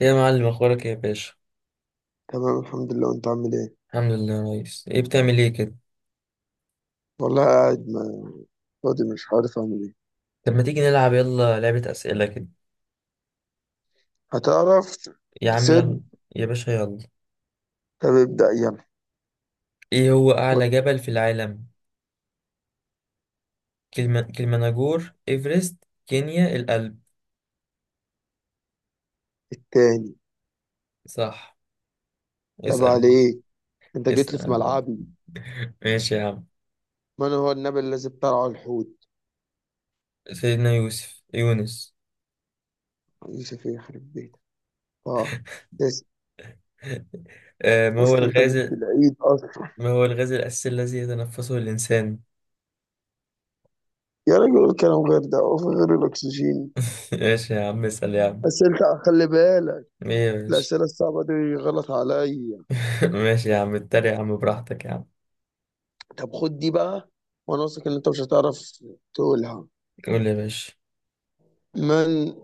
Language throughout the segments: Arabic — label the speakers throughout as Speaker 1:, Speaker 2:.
Speaker 1: يا معلم، اخبارك ايه يا باشا؟
Speaker 2: تمام، الحمد لله. وانت عامل ايه؟
Speaker 1: الحمد لله كويس. ايه بتعمل ايه كده؟
Speaker 2: والله قاعد ما فاضي، مش عارف اعمل ايه.
Speaker 1: طب ما تيجي نلعب يلا لعبة اسئلة كده.
Speaker 2: هتعرف
Speaker 1: يا عم يلا.
Speaker 2: تسد.
Speaker 1: يا باشا يلا.
Speaker 2: طب ابدأ يلا.
Speaker 1: ايه هو اعلى جبل في العالم؟ كلمة كلمناجور، ايفرست، كينيا، الألب.
Speaker 2: التاني.
Speaker 1: صح.
Speaker 2: عيب
Speaker 1: اسأل يا باشا.
Speaker 2: عليك، انت جيت لي في
Speaker 1: اسأل.
Speaker 2: ملعبي.
Speaker 1: ماشي يا عم.
Speaker 2: من هو النبي الذي ابتلعه الحوت؟
Speaker 1: سيدنا يوسف، يونس.
Speaker 2: يوسف يخرب بيتك. اه. بس.
Speaker 1: ما هو
Speaker 2: اصل انت
Speaker 1: الغاز؟
Speaker 2: جبت العيد اصلا.
Speaker 1: ما هو الغاز الأساسي الذي يتنفسه الإنسان؟
Speaker 2: يا راجل الكلام غير ده، وفي غير الاكسجين.
Speaker 1: ماشي يا عم، اسأل يا عم.
Speaker 2: اسئله خلي بالك.
Speaker 1: ايه يا باشا؟
Speaker 2: الاسئله الصعبه دي غلط عليا.
Speaker 1: ماشي يا عم، اتريق يا عم براحتك يا عم.
Speaker 2: طب خد دي بقى، وانا واثق ان انت مش هتعرف تقولها.
Speaker 1: قول يا باشا.
Speaker 2: من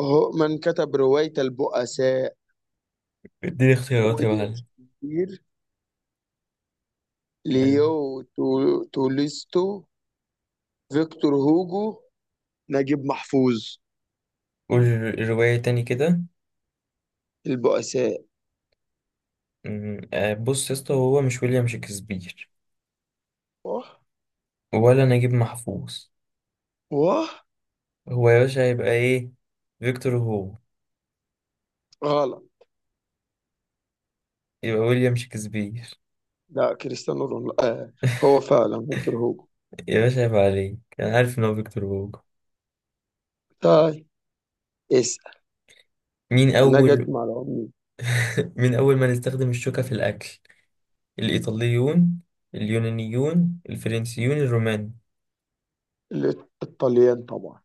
Speaker 2: هو من كتب رواية البؤساء؟
Speaker 1: اديني اختيارات يا
Speaker 2: ويليام
Speaker 1: معلم.
Speaker 2: شكسبير،
Speaker 1: حلو.
Speaker 2: ليو تولستو، فيكتور هوجو، نجيب محفوظ.
Speaker 1: قول الرواية تاني كده.
Speaker 2: البؤساء.
Speaker 1: أمم، آه، بص يا اسطى، هو مش ويليام شكسبير
Speaker 2: واه.
Speaker 1: ولا نجيب محفوظ.
Speaker 2: واه.
Speaker 1: هو يا باشا هيبقى ايه؟ فيكتور هوجو.
Speaker 2: غلط.
Speaker 1: يبقى ويليام شكسبير.
Speaker 2: لا، كريستيانو رونالدو. آه، هو فعلا فيكتور هوجو.
Speaker 1: يا باشا هيبقى عليك، انا عارف ان هو فيكتور هوجو.
Speaker 2: طيب، اسأل.
Speaker 1: مين
Speaker 2: النجد
Speaker 1: اول.
Speaker 2: مع العملة.
Speaker 1: مين اول من استخدم الشوكة في الاكل؟ الايطاليون، اليونانيون، الفرنسيون، الرومان.
Speaker 2: الطليان طبعا.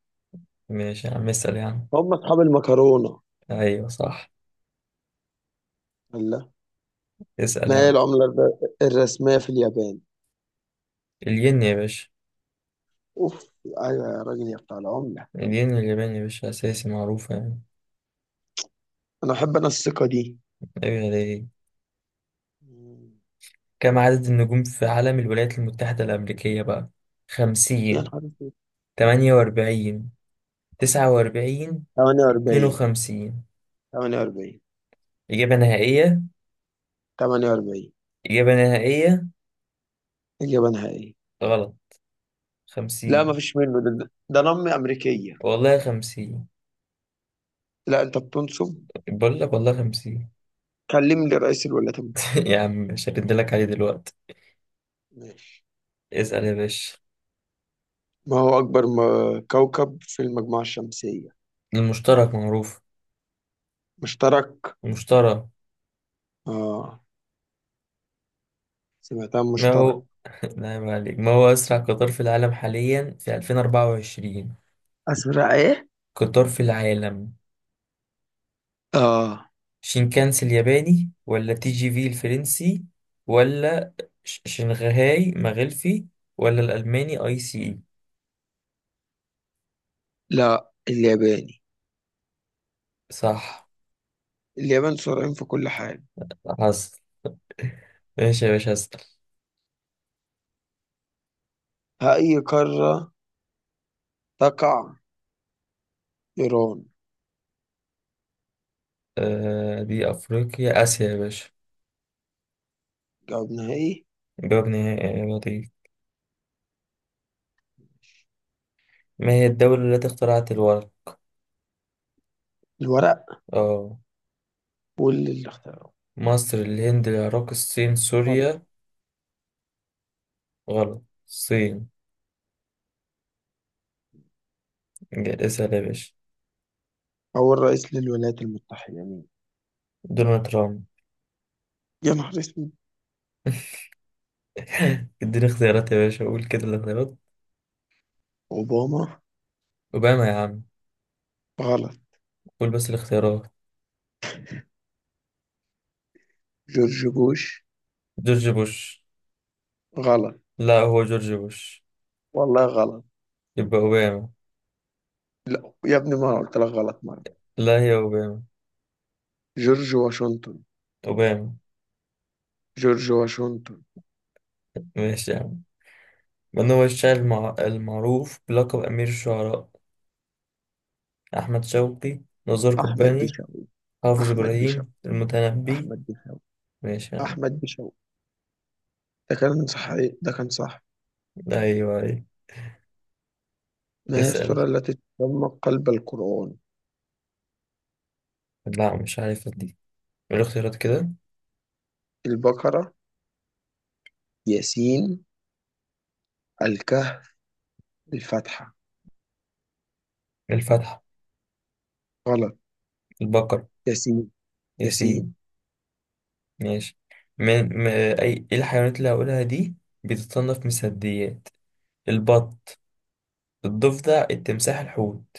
Speaker 1: ماشي يا عم، اسال يا عم.
Speaker 2: هم أصحاب المكرونة.
Speaker 1: ايوه صح.
Speaker 2: الله.
Speaker 1: اسال
Speaker 2: ما
Speaker 1: يا
Speaker 2: هي
Speaker 1: عم.
Speaker 2: العملة الرسمية في اليابان؟
Speaker 1: الين يا باشا.
Speaker 2: أوف، أيوة يا راجل يا بتاع العملة.
Speaker 1: الين الياباني يا باشا، اساسي معروفة يعني.
Speaker 2: أنا الثقة دي.
Speaker 1: ايوه ليه؟
Speaker 2: مم.
Speaker 1: كم عدد النجوم في علم الولايات المتحدة الأمريكية بقى؟
Speaker 2: يا
Speaker 1: خمسين.
Speaker 2: نهار اسود.
Speaker 1: تمانية وأربعين. تسعة وأربعين. اتنين
Speaker 2: 48.
Speaker 1: وخمسين.
Speaker 2: 48.
Speaker 1: إجابة نهائية.
Speaker 2: 48.
Speaker 1: إجابة نهائية.
Speaker 2: إجابة نهائية.
Speaker 1: غلط.
Speaker 2: لا ما
Speaker 1: خمسين.
Speaker 2: فيش منه، ده نم أمريكية.
Speaker 1: والله خمسين.
Speaker 2: لا أنت بتنصب.
Speaker 1: بقول لك والله خمسين.
Speaker 2: كلم لي رئيس الولايات المتحدة.
Speaker 1: يا عم مش هردلك عليه دلوقتي.
Speaker 2: ماشي.
Speaker 1: اسأل يا باشا.
Speaker 2: ما هو أكبر كوكب في المجموعة الشمسية؟
Speaker 1: المشترك معروف.
Speaker 2: مشترك.
Speaker 1: المشترك.
Speaker 2: آه، سمعتها
Speaker 1: ما
Speaker 2: مشترك.
Speaker 1: هو نعم عليك. ما هو أسرع قطار في العالم حاليا في 2024؟
Speaker 2: أزرق إيه؟
Speaker 1: قطار في العالم.
Speaker 2: آه.
Speaker 1: شينكانسي الياباني، ولا تي جي في الفرنسي، ولا شنغهاي مغلفي، ولا الألماني اي سي اي.
Speaker 2: لا، الياباني.
Speaker 1: صح.
Speaker 2: اليابان سرعين في كل حاجة.
Speaker 1: حصل. ماشي يا باشا، هسأل.
Speaker 2: ها، أي قارة تقع إيران؟
Speaker 1: دي أفريقيا، آسيا يا باشا.
Speaker 2: جواب نهائي.
Speaker 1: جواب نهائي، يا لطيف. ما هي الدولة التي اخترعت الورق؟
Speaker 2: الورق
Speaker 1: اه.
Speaker 2: واللي اختاره.
Speaker 1: مصر، الهند، العراق، الصين، سوريا. غلط، الصين. اسأل يا باشا.
Speaker 2: أول رئيس للولايات المتحدة مين؟
Speaker 1: دونالد ترامب.
Speaker 2: يا نهار اسود.
Speaker 1: اديني اختيارات يا باشا، قول كده الاختيارات.
Speaker 2: أوباما.
Speaker 1: أوباما. يا عم.
Speaker 2: غلط.
Speaker 1: قول بس الاختيارات.
Speaker 2: جورج بوش.
Speaker 1: جورج بوش.
Speaker 2: غلط.
Speaker 1: لا هو جورج بوش.
Speaker 2: والله غلط.
Speaker 1: يبقى أوباما.
Speaker 2: لا يا ابني، ما أنا قلت لك غلط مرة.
Speaker 1: لا هي أوباما.
Speaker 2: جورج واشنطن.
Speaker 1: أوباما.
Speaker 2: جورج واشنطن.
Speaker 1: ماشي يا عم. من هو الشاعر المعروف بلقب أمير الشعراء؟ أحمد شوقي. نزار
Speaker 2: أحمد
Speaker 1: قباني.
Speaker 2: بيشاوي.
Speaker 1: حافظ
Speaker 2: أحمد بيشاوي.
Speaker 1: إبراهيم، المتنبي.
Speaker 2: أحمد بيشاوي.
Speaker 1: ماشي يا عم.
Speaker 2: أحمد بيشاوي. ده كان صحيح، ده كان صح.
Speaker 1: أيوة أيوة.
Speaker 2: ما هي
Speaker 1: اسأل.
Speaker 2: السورة التي تسمى قلب القرآن؟
Speaker 1: لا مش عارف دي. الاختيارات كده.
Speaker 2: البقرة، ياسين، الكهف، الفاتحة.
Speaker 1: الفتح.
Speaker 2: غلط.
Speaker 1: البقر.
Speaker 2: ياسين. ياسين.
Speaker 1: ياسين. ماشي. من م... إيه الحيوانات اللي هقولها دي بتتصنف من الثدييات؟ البط. الضفدع، التمساح، الحوت.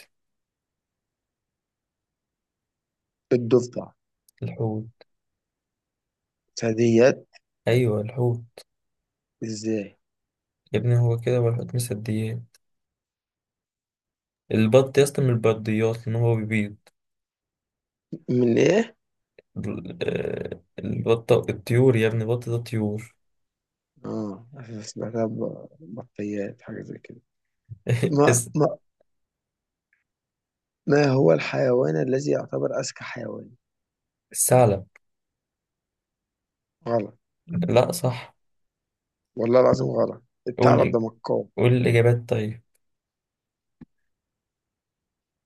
Speaker 2: الضفدع.
Speaker 1: الحوت.
Speaker 2: ثدييات؟
Speaker 1: ايوه الحوت.
Speaker 2: ازاي؟
Speaker 1: يا ابني هو كده، هو الحوت مصديات. البط يا اسطى من البرديات، لان هو بيبيض.
Speaker 2: من ايه؟
Speaker 1: ال- البطة، الطيور يا ابني، البط ده طيور.
Speaker 2: اه، سمعتها بطيات حاجة زي كده. ما
Speaker 1: الس-
Speaker 2: ما ما هو الحيوان الذي يعتبر أذكى حيوان؟
Speaker 1: الثعلب.
Speaker 2: غلط.
Speaker 1: لا صح.
Speaker 2: والله العظيم غلط،
Speaker 1: قول
Speaker 2: الثعلب
Speaker 1: ال-
Speaker 2: ده مكار.
Speaker 1: قول الاجابات طيب.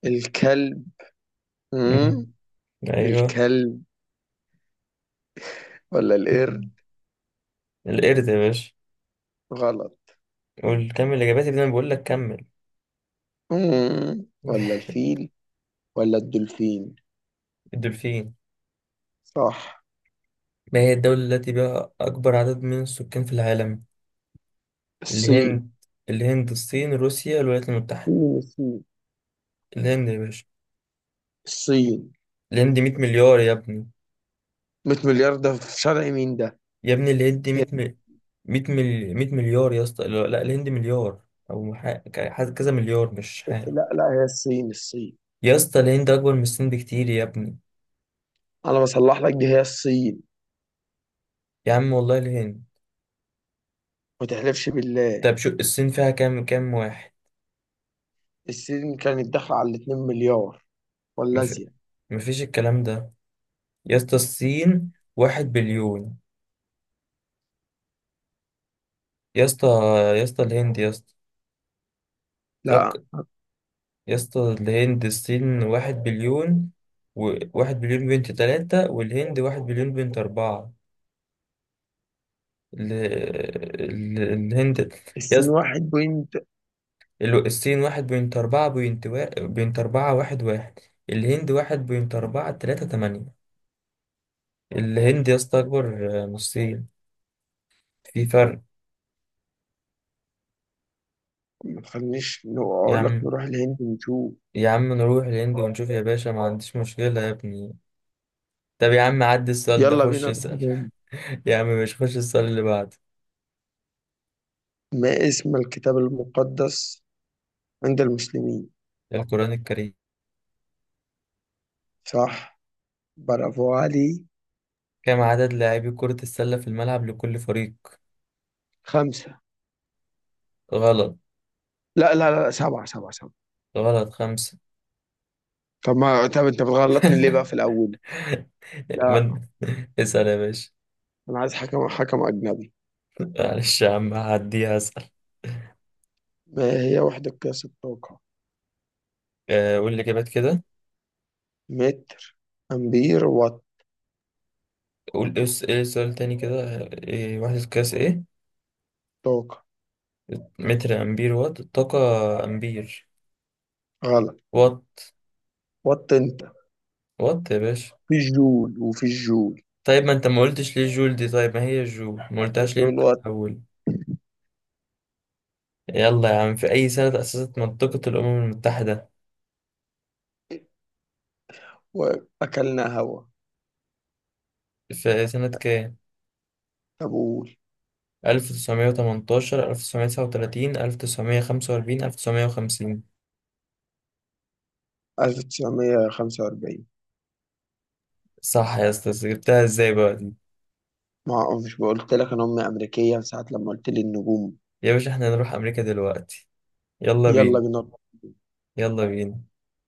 Speaker 2: الكلب. مم.
Speaker 1: مم. ايوه.
Speaker 2: الكلب ولا القرد؟
Speaker 1: القرد يا باشا.
Speaker 2: غلط.
Speaker 1: قول كمل الاجابات يا ابني، انا بقول لك كمل.
Speaker 2: ولا الفيل. ولا الدولفين.
Speaker 1: الدولفين.
Speaker 2: صح.
Speaker 1: ما هي الدولة التي بها أكبر عدد من السكان في العالم؟
Speaker 2: الصين.
Speaker 1: الهند. الهند، الصين، روسيا، الولايات المتحدة.
Speaker 2: مين الصين؟
Speaker 1: الهند يا باشا.
Speaker 2: الصين.
Speaker 1: اللي يدي 100 مليار يا ابني.
Speaker 2: 100 مليار ده في شرع مين ده؟
Speaker 1: يا ابني اللي يدي 100 مليار يا اسطى. لا لا، الهند مليار. او مح... ك- ح- كذا مليار مش حاجه.
Speaker 2: لا لا، هي الصين الصين.
Speaker 1: يا اسطى الهند اكبر من الصين بكتير يا ابني.
Speaker 2: انا بصلح لك، دي هي الصين.
Speaker 1: يا عم والله الهند.
Speaker 2: ما تحلفش بالله.
Speaker 1: طب شو الصين فيها كام كام واحد.
Speaker 2: السين كانت داخلة على الاتنين مليار، ولا
Speaker 1: مف...
Speaker 2: زيادة.
Speaker 1: مفيش الكلام ده. يا اسطى الصين واحد بليون. يا اسطى. يا اسطى الهند يا اسطى.
Speaker 2: لا.
Speaker 1: فك... يا اسطى الهند، الصين واحد بليون. واحد بليون بنت تلاتة، والهند واحد بليون بنت أربعة. ال- الهند.
Speaker 2: السين
Speaker 1: يس.
Speaker 2: واحد بوينت.
Speaker 1: الصين واحد بوينت أربعة، بوينت أربعة واحد واحد. الهند واحد بوينت أربعة تلاتة تمانية. الهند يا اسطى أكبر. من الصين. في فرق.
Speaker 2: ما تخلينيش
Speaker 1: يا
Speaker 2: أقول لك
Speaker 1: عم.
Speaker 2: نروح الهند نشوف.
Speaker 1: يا عم نروح الهند ونشوف يا باشا، ما عنديش مشكلة يا ابني. طب يا عم عدي السؤال ده،
Speaker 2: يلا
Speaker 1: خش
Speaker 2: بينا نروح
Speaker 1: اسأل.
Speaker 2: الهند.
Speaker 1: يا عم مش خش السؤال اللي بعده.
Speaker 2: ما اسم الكتاب المقدس عند المسلمين؟
Speaker 1: القرآن الكريم.
Speaker 2: صح، برافو علي.
Speaker 1: كم عدد لاعبي كرة السلة في الملعب لكل فريق؟
Speaker 2: خمسة.
Speaker 1: غلط.
Speaker 2: لا لا لا، سبعة سبعة سبعة.
Speaker 1: غلط خمسة.
Speaker 2: طب ما طب أنت بتغلطني ليه بقى في الأول؟ لا.
Speaker 1: من اسأل يا باشا.
Speaker 2: أنا عايز حكم أجنبي.
Speaker 1: معلش يا عم هعديها، اسأل.
Speaker 2: ما هي وحدة قياس الطاقة؟
Speaker 1: قول الإجابات كده.
Speaker 2: متر، أمبير، وات،
Speaker 1: قول إيه إيه السؤال تاني كده. إيه وحدة قياس إيه؟
Speaker 2: طاقة.
Speaker 1: متر، أمبير، وات، الطاقة. أمبير.
Speaker 2: غلط.
Speaker 1: وات.
Speaker 2: وات. أنت
Speaker 1: وات يا باشا.
Speaker 2: في الجول، وفي الجول
Speaker 1: طيب ما أنت ما قلتش ليه جول دي؟ طيب ما هي جول، ما قلتهاش ليه من
Speaker 2: طول الوقت.
Speaker 1: الأول؟ يلا يا عم، في أي سنة تأسست منطقة الأمم المتحدة؟
Speaker 2: وأكلنا هوا.
Speaker 1: في سنة كام؟
Speaker 2: كابول.
Speaker 1: 1918، 1939، 1945، 1950.
Speaker 2: 1945.
Speaker 1: صح يا أستاذ، جبتها إزاي بقى دي؟
Speaker 2: ما هو، مش قلت لك أنا أمي أمريكية ساعة لما قلت لي النجوم.
Speaker 1: يا باشا إحنا هنروح أمريكا دلوقتي. يلا
Speaker 2: يلا
Speaker 1: بينا.
Speaker 2: بينا.
Speaker 1: يلا بينا.